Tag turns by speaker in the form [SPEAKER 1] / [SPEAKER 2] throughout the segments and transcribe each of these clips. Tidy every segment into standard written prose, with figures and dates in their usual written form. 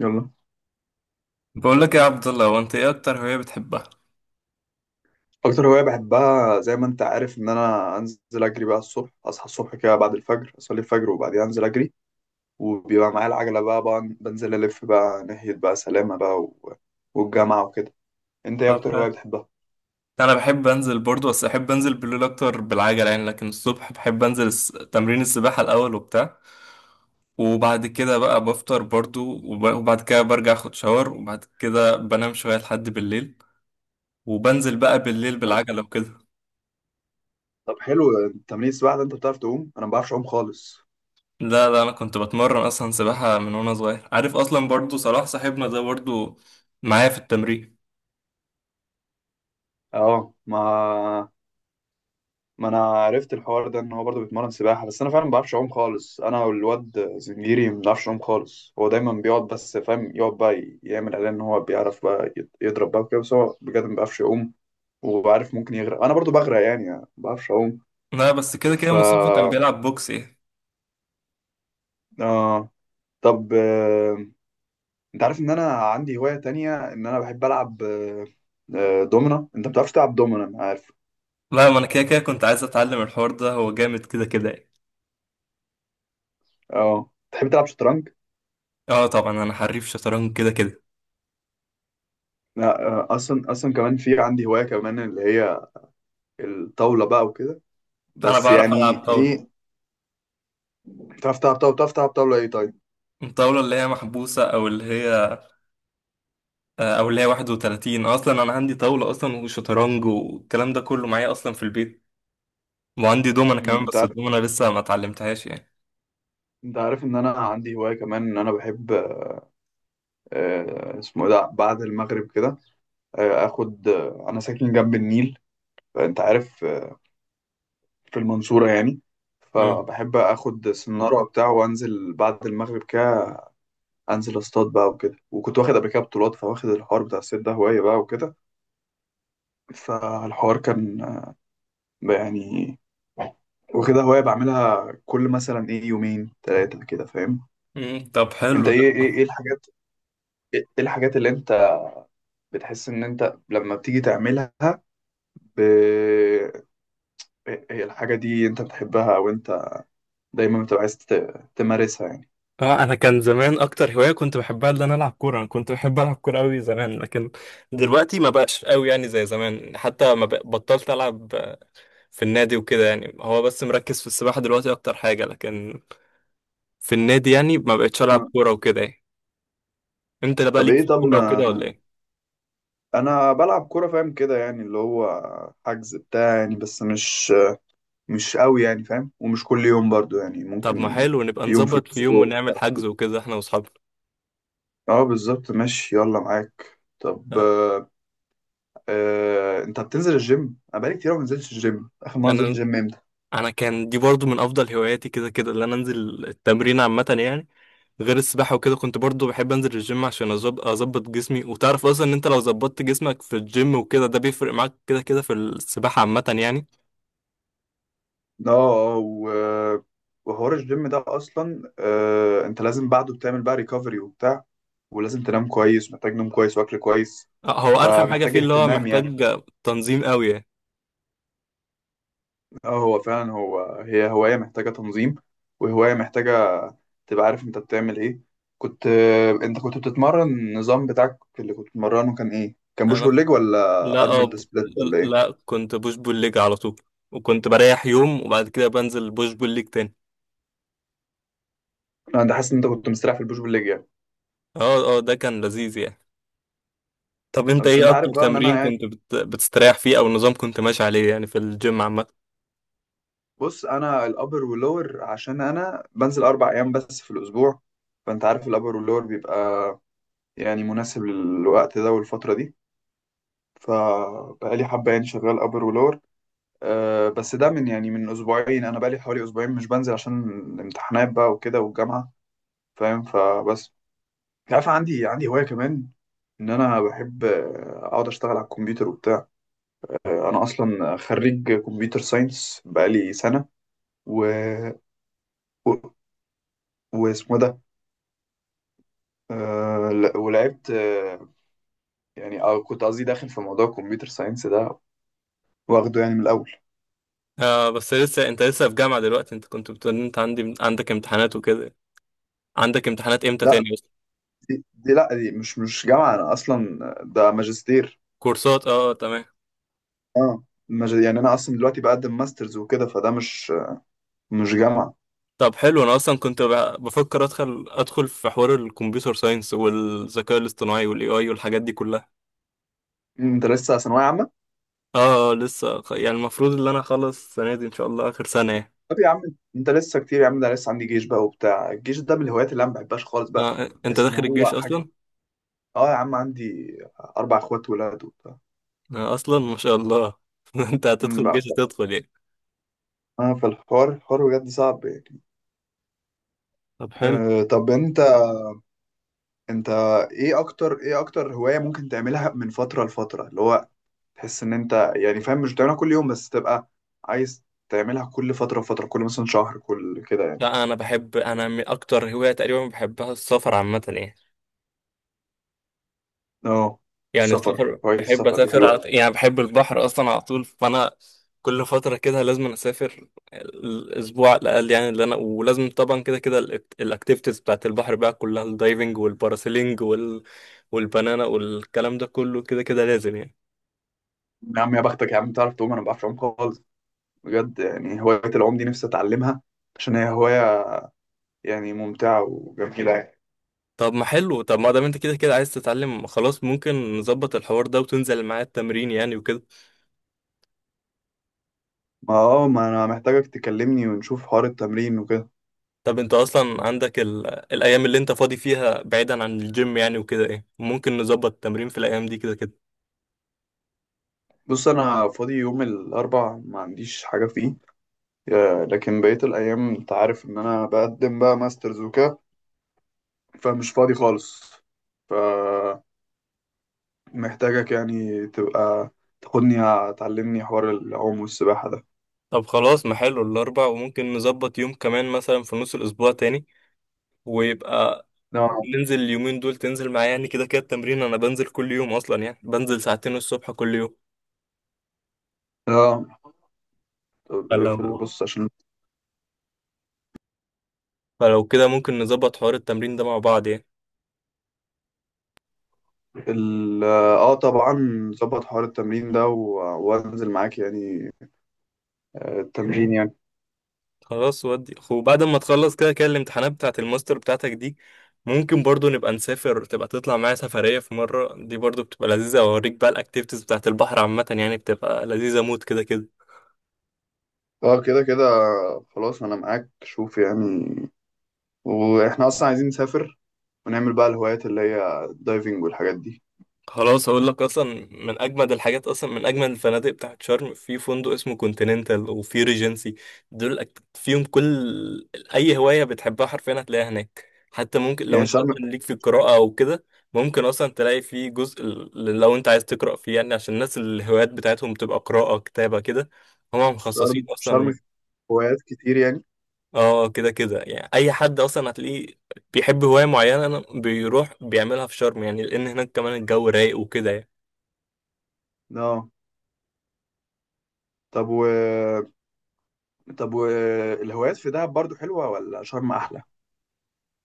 [SPEAKER 1] يلا.
[SPEAKER 2] بقول لك يا عبد الله، هو انت ايه اكتر هوايه بتحبها؟
[SPEAKER 1] اكتر هوايه بحبها زي ما انت عارف ان انا انزل اجري بقى الصبح، اصحى الصبح كده بعد الفجر، اصلي الفجر وبعدين انزل اجري. وبيبقى معايا العجله بقى بنزل الف بقى ناحيه بقى سلامه بقى والجامعه وكده. انت ايه
[SPEAKER 2] طب
[SPEAKER 1] اكتر
[SPEAKER 2] حلو.
[SPEAKER 1] هوايه بتحبها؟
[SPEAKER 2] انا بحب انزل برضو، بس احب انزل بالليل اكتر بالعجله يعني. لكن الصبح بحب انزل تمرين السباحه الاول وبتاع، وبعد كده بقى بفطر برضو، وبعد كده برجع اخد شاور، وبعد كده بنام شويه لحد بالليل، وبنزل بقى بالليل
[SPEAKER 1] أه،
[SPEAKER 2] بالعجله وكده.
[SPEAKER 1] طب حلو. تمرين السباحه ده، انت بتعرف تعوم؟ انا ما بعرفش اعوم خالص.
[SPEAKER 2] لا، انا كنت بتمرن اصلا سباحه من وانا صغير، عارف، اصلا برضو صلاح صاحبنا ده برضو معايا في التمرين.
[SPEAKER 1] اه، ما انا عرفت الحوار ده ان هو برضه بيتمرن سباحه، بس انا فعلا ما بعرفش اعوم خالص. انا والواد زنجيري ما بنعرفش نعوم خالص. هو دايما بيقعد بس فاهم يقعد بقى يعمل اعلان ان هو بيعرف بقى يضرب بقى وكده، بس هو بجد ما بيعرفش يعوم. وعارف ممكن يغرق، انا برضه بغرق يعني، ما بعرفش اعوم.
[SPEAKER 2] لا بس كده كده
[SPEAKER 1] ف
[SPEAKER 2] مصطفى كان بيلعب بوكس ايه.
[SPEAKER 1] آه... طب، انت عارف ان انا عندي هوايه تانية، ان انا بحب العب دومنا. انت ما بتعرفش تلعب دومنا، انا عارف.
[SPEAKER 2] لا ما انا كده كده كنت عايز اتعلم الحوار ده، هو جامد كده كده يعني.
[SPEAKER 1] اه، تحب تلعب شطرنج؟
[SPEAKER 2] اه طبعا انا حريف شطرنج كده كده.
[SPEAKER 1] لا، اصلا كمان في عندي هوايه كمان، اللي هي الطاولة بقى وكده.
[SPEAKER 2] انا
[SPEAKER 1] بس
[SPEAKER 2] بعرف العب
[SPEAKER 1] يعني
[SPEAKER 2] طاولة.
[SPEAKER 1] ايه، بتعرف تلعب طاولة ايه طيب؟
[SPEAKER 2] الطاولة اللي هي محبوسة او اللي هي او اللي هي 31. اصلا انا عندي طاولة اصلا وشطرنج والكلام ده كله معايا اصلا في البيت، وعندي دومنة
[SPEAKER 1] مم،
[SPEAKER 2] كمان،
[SPEAKER 1] انت
[SPEAKER 2] بس
[SPEAKER 1] عارف
[SPEAKER 2] الدومنة لسه ما اتعلمتهاش يعني.
[SPEAKER 1] انت عارف ان انا عندي هواية كمان، ان انا بحب. اسمه إيه ده، بعد المغرب كده اخد، انا ساكن جنب النيل، فانت عارف، في المنصورة يعني.
[SPEAKER 2] مم.
[SPEAKER 1] فبحب اخد سنارة وبتاع وانزل بعد المغرب كده، انزل اصطاد بقى وكده. وكنت واخد قبل كده بطولات، فواخد الحوار بتاع الصيد ده هواية بقى وكده. فالحوار كان يعني، وكده هواية بعملها كل مثلا ايه يومين ثلاثة كده، فاهم.
[SPEAKER 2] مم. طب
[SPEAKER 1] انت
[SPEAKER 2] حلو ده.
[SPEAKER 1] إيه الحاجات اللي انت بتحس ان انت لما بتيجي تعملها ب... هي الحاجة دي انت بتحبها، او انت دايما بتبقى عايز تمارسها يعني؟
[SPEAKER 2] اه انا كان زمان اكتر هواية كنت بحبها ان انا العب كورة، انا كنت بحب العب كورة قوي زمان، لكن دلوقتي ما بقاش قوي يعني زي زمان، حتى ما بق- بطلت العب في النادي وكده يعني. هو بس مركز في السباحة دلوقتي أكتر حاجة، لكن في النادي يعني ما بقتش ألعب
[SPEAKER 1] آه.
[SPEAKER 2] كورة وكده يعني. أنت بقى
[SPEAKER 1] طب
[SPEAKER 2] ليك في
[SPEAKER 1] ايه، طب
[SPEAKER 2] الكورة
[SPEAKER 1] ما
[SPEAKER 2] وكده ولا إيه؟
[SPEAKER 1] انا بلعب كورة فاهم كده، يعني اللي هو حجز بتاع يعني، بس مش قوي يعني فاهم، ومش كل يوم برضو يعني،
[SPEAKER 2] طب ما
[SPEAKER 1] ممكن
[SPEAKER 2] حلو، نبقى
[SPEAKER 1] يوم في
[SPEAKER 2] نظبط في يوم
[SPEAKER 1] الاسبوع.
[SPEAKER 2] ونعمل حجز وكده إحنا وأصحابنا.
[SPEAKER 1] اه بالظبط ماشي، يلا معاك. طب انت بتنزل الجيم؟ انا بقالي كتير أوي ما نزلتش الجيم. اخر مره نزلت
[SPEAKER 2] أنا
[SPEAKER 1] الجيم امتى؟
[SPEAKER 2] أنا كان دي برضو من أفضل هواياتي كده كده، اللي أنا أنزل التمرين عامة يعني. غير السباحة وكده، كنت برضو بحب أنزل الجيم عشان أظبط جسمي. وتعرف أصلا إن أنت لو ظبطت جسمك في الجيم وكده ده بيفرق معاك كده كده في السباحة عامة يعني.
[SPEAKER 1] اه، وحوار الجيم ده اصلا، انت لازم بعده بتعمل بقى ريكفري وبتاع، ولازم تنام كويس، محتاج نوم كويس واكل كويس،
[SPEAKER 2] آه، هو أرخم حاجة
[SPEAKER 1] فمحتاج
[SPEAKER 2] فيه اللي هو
[SPEAKER 1] اهتمام يعني.
[SPEAKER 2] محتاج تنظيم قوي يعني.
[SPEAKER 1] اه، هو فعلا هي هوايه محتاجه تنظيم، وهوايه محتاجه تبقى عارف انت بتعمل ايه. كنت آه، انت كنت بتتمرن، النظام بتاعك اللي كنت بتمرنه كان ايه؟ كان بوش
[SPEAKER 2] انا
[SPEAKER 1] بول ليج، ولا
[SPEAKER 2] لا أه
[SPEAKER 1] ارنولد
[SPEAKER 2] ب...
[SPEAKER 1] سبليت ولا ايه؟
[SPEAKER 2] لا كنت بوش بول ليج على طول، وكنت بريح يوم وبعد كده بنزل بوش بول ليج تاني.
[SPEAKER 1] انا حاسس ان انت كنت مستريح في البوش بول ليج يعني.
[SPEAKER 2] اه، ده كان لذيذ يعني. طب انت
[SPEAKER 1] بس
[SPEAKER 2] ايه
[SPEAKER 1] انت عارف
[SPEAKER 2] اكتر
[SPEAKER 1] بقى ان انا
[SPEAKER 2] تمرين
[SPEAKER 1] يعني،
[SPEAKER 2] بتستريح فيه، او نظام كنت ماشي عليه يعني في الجيم عامة؟
[SPEAKER 1] بص انا الابر واللور، عشان انا بنزل 4 ايام بس في الاسبوع، فانت عارف الابر واللور بيبقى يعني مناسب للوقت ده والفتره دي، فبقالي حبه يعني شغال ابر ولور. أه بس ده من يعني من اسبوعين، انا بقالي حوالي اسبوعين مش بنزل عشان الامتحانات بقى وكده والجامعه فاهم، فبس. انت عارف، عندي هوايه كمان، ان انا بحب اقعد اشتغل على الكمبيوتر وبتاع. انا اصلا خريج كمبيوتر ساينس بقالي سنه، و واسمه ده ولعبت، يعني أو كنت قصدي داخل في موضوع الكمبيوتر ساينس ده، واخده يعني من الأول.
[SPEAKER 2] آه بس لسه انت لسه في جامعة دلوقتي؟ انت كنت بتقول إن انت عندك امتحانات وكده. عندك امتحانات امتى
[SPEAKER 1] لا
[SPEAKER 2] تاني اصلا؟
[SPEAKER 1] دي مش جامعة. أنا أصلا ده ماجستير.
[SPEAKER 2] كورسات، اه تمام.
[SPEAKER 1] اه، يعني أنا أصلا دلوقتي بقدم ماسترز وكده، فده مش جامعة.
[SPEAKER 2] طب حلو، انا اصلا كنت بفكر ادخل في حوار الكمبيوتر ساينس والذكاء الاصطناعي والاي اي والحاجات دي كلها.
[SPEAKER 1] أنت لسه ثانوية عامة؟
[SPEAKER 2] اه، لسه يعني المفروض ان انا اخلص السنه دي ان شاء الله، اخر سنه يعني.
[SPEAKER 1] طب يا عم، أنت لسه كتير يا عم، ده لسه عندي جيش بقى وبتاع، الجيش ده من الهوايات اللي أنا ما بحبهاش خالص بقى.
[SPEAKER 2] آه، انت
[SPEAKER 1] بحس إن
[SPEAKER 2] داخل
[SPEAKER 1] هو
[SPEAKER 2] الجيش
[SPEAKER 1] حاجة.
[SPEAKER 2] اصلا؟
[SPEAKER 1] اه يا عم، عندي 4 إخوات ولاد وبتاع.
[SPEAKER 2] آه اصلا، ما شاء الله. انت هتدخل
[SPEAKER 1] أمم، بقى
[SPEAKER 2] الجيش،
[SPEAKER 1] ف-
[SPEAKER 2] هتدخل يعني.
[SPEAKER 1] اه، فالحوار بجد صعب يعني.
[SPEAKER 2] طب حلو.
[SPEAKER 1] أه طب انت ايه اكتر هواية ممكن تعملها من فترة لفترة، اللي هو تحس ان انت يعني فاهم مش بتعملها كل يوم، بس تبقى عايز تعملها كل فترة فترة، كل مثلا شهر كل كده يعني.
[SPEAKER 2] لا انا بحب، انا من اكتر هوايه تقريبا بحبها السفر عامه يعني.
[SPEAKER 1] اه،
[SPEAKER 2] يعني
[SPEAKER 1] السفر،
[SPEAKER 2] السفر
[SPEAKER 1] هواية
[SPEAKER 2] بحب
[SPEAKER 1] السفر دي
[SPEAKER 2] اسافر على...
[SPEAKER 1] حلوة.
[SPEAKER 2] يعني بحب البحر اصلا على طول، فانا كل فتره كده لازم أنا اسافر الاسبوع على الاقل يعني، اللي انا ولازم طبعا كده كده الاكتيفيتيز بتاعت البحر بقى كلها، الدايفنج والباراسيلينج وال... والبنانا والكلام ده كله كده كده لازم يعني.
[SPEAKER 1] يا عم يا بختك يا عم، تعرف تعوم، انا ما بعرفش اعوم خالص. بجد يعني هواية العوم دي نفسي اتعلمها، عشان هي هواية يعني ممتعة وجميلة يعني.
[SPEAKER 2] طب ما حلو، طب ما دام انت كده كده عايز تتعلم، خلاص ممكن نظبط الحوار ده وتنزل معايا التمرين يعني وكده.
[SPEAKER 1] ما انا محتاجك تكلمني ونشوف حوار التمرين وكده.
[SPEAKER 2] طب انت اصلا عندك ال... الايام اللي انت فاضي فيها بعيدا عن الجيم يعني وكده ايه؟ ممكن نظبط التمرين في الايام دي كده كده.
[SPEAKER 1] بص انا فاضي يوم الاربع ما عنديش حاجة فيه، لكن بقية الأيام أنت عارف إن أنا بقدم بقى ماسترز وكده، فمش فاضي خالص. فمحتاجك يعني تبقى تاخدني، تعلمني حوار العوم والسباحة ده.
[SPEAKER 2] طب خلاص، ما حلو الأربع، وممكن نظبط يوم كمان مثلا في نص الأسبوع تاني، ويبقى
[SPEAKER 1] اه
[SPEAKER 2] ننزل اليومين دول تنزل معايا يعني. كده كده التمرين أنا بنزل كل يوم أصلا يعني، بنزل ساعتين الصبح كل يوم.
[SPEAKER 1] اه. طب إيه،
[SPEAKER 2] فلو
[SPEAKER 1] بص عشان،
[SPEAKER 2] فلو كده ممكن نظبط حوار التمرين ده مع بعض يعني.
[SPEAKER 1] اه طبعا، ظبط حوار التمرين ده وانزل معاك يعني التمرين يعني.
[SPEAKER 2] خلاص، ودي وبعد ما تخلص كده كده الامتحانات بتاعة الماستر بتاعتك دي، ممكن برضو نبقى نسافر، تبقى تطلع معايا سفرية في مرة. دي برضو بتبقى لذيذة، أوريك بقى الأكتيفيتيز بتاعة البحر عامة يعني، بتبقى لذيذة موت كده كده.
[SPEAKER 1] اه كده كده، خلاص انا معاك، شوف يعني، واحنا اصلا عايزين نسافر ونعمل بقى الهوايات اللي هي الدايفنج والحاجات دي.
[SPEAKER 2] خلاص هقول لك اصلا، من اجمد الحاجات اصلا، من اجمد الفنادق بتاعت شرم في فندق اسمه كونتيننتال، وفي ريجنسي. دول فيهم كل اي هوايه بتحبها حرفيا هتلاقيها هناك. حتى ممكن لو
[SPEAKER 1] يعني
[SPEAKER 2] انت
[SPEAKER 1] شرم،
[SPEAKER 2] مثلا ليك في القراءه او كده، ممكن اصلا تلاقي فيه جزء لو انت عايز تقرا فيه يعني، عشان الناس الهوايات بتاعتهم تبقى قراءه كتابه كده، هم
[SPEAKER 1] شرم
[SPEAKER 2] مخصصين
[SPEAKER 1] شرم
[SPEAKER 2] اصلا.
[SPEAKER 1] في هوايات كتير يعني.
[SPEAKER 2] اه كده كده يعني، اي حد اصلا هتلاقيه بيحب هوايه معينه بيروح بيعملها في شرم يعني، لان هناك كمان الجو رايق وكده يعني.
[SPEAKER 1] اه طب و طب و الهوايات في دهب برضو حلوة، ولا شرم أحلى؟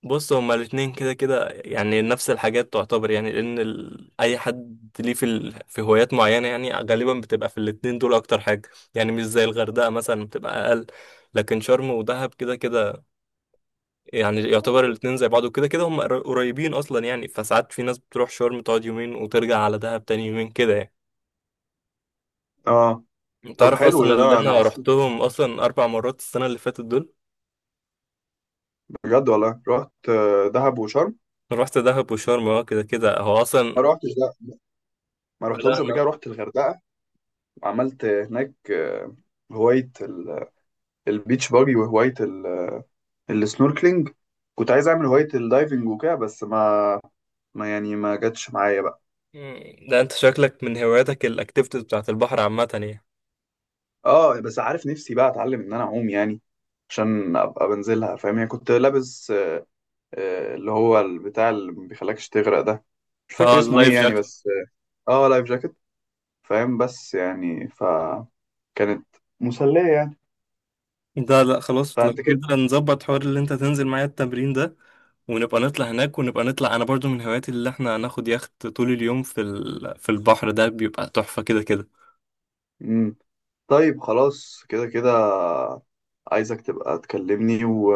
[SPEAKER 2] بص هما الاتنين كده كده يعني نفس الحاجات تعتبر يعني، لأن ال... أي حد ليه في ال... في هوايات معينة يعني غالبا بتبقى في الاتنين دول أكتر حاجة يعني، مش زي الغردقة مثلا بتبقى أقل. لكن شرم ودهب كده كده يعني يعتبر الاتنين زي بعض، وكده كده هما قريبين أصلا يعني. فساعات في ناس بتروح شرم تقعد يومين وترجع على دهب تاني يومين كده يعني.
[SPEAKER 1] اه
[SPEAKER 2] أنت
[SPEAKER 1] طب
[SPEAKER 2] عارف
[SPEAKER 1] حلو،
[SPEAKER 2] أصلا
[SPEAKER 1] ده,
[SPEAKER 2] اللي
[SPEAKER 1] ده أنا
[SPEAKER 2] أنا
[SPEAKER 1] أصلا
[SPEAKER 2] رحتهم أصلا أربع مرات السنة اللي فاتت دول.
[SPEAKER 1] بجد والله رحت دهب وشرم.
[SPEAKER 2] رحت دهب وشرم، اه كده كده هو أصلا.
[SPEAKER 1] ما روحتش ده ما
[SPEAKER 2] لا.
[SPEAKER 1] رحتهمش قبل كده، رحت الغردقة وعملت هناك هواية البيتش باجي، وهواية السنوركلينج. كنت عايز أعمل هواية الدايفنج وكده، بس ما يعني ما جاتش معايا بقى.
[SPEAKER 2] مم. ده انت شكلك من هواياتك الاكتيفيتيز بتاعت البحر عامة يعني.
[SPEAKER 1] اه بس عارف، نفسي بقى اتعلم ان انا اعوم يعني، عشان ابقى بنزلها فاهم يعني. كنت لابس اللي هو البتاع اللي ما بيخليكش تغرق ده، مش فاكر
[SPEAKER 2] اه
[SPEAKER 1] اسمه ايه
[SPEAKER 2] اللايف
[SPEAKER 1] يعني،
[SPEAKER 2] جاكت.
[SPEAKER 1] بس. اه، لايف جاكيت، فاهم، بس يعني فكانت مسلية يعني.
[SPEAKER 2] ده لا خلاص، لو
[SPEAKER 1] فانت كده.
[SPEAKER 2] كده نظبط حوار اللي انت تنزل معايا التمرين ده، ونبقى نطلع هناك. ونبقى نطلع، انا برضو من هواياتي اللي احنا هناخد يخت طول اليوم في ال... في البحر، ده بيبقى تحفة كده كده.
[SPEAKER 1] مم. طيب خلاص كده كده، عايزك تبقى تكلمني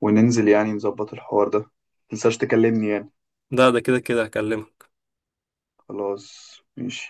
[SPEAKER 1] وننزل يعني نظبط الحوار ده. متنساش تكلمني يعني.
[SPEAKER 2] ده كده كده هكلمك.
[SPEAKER 1] خلاص ماشي.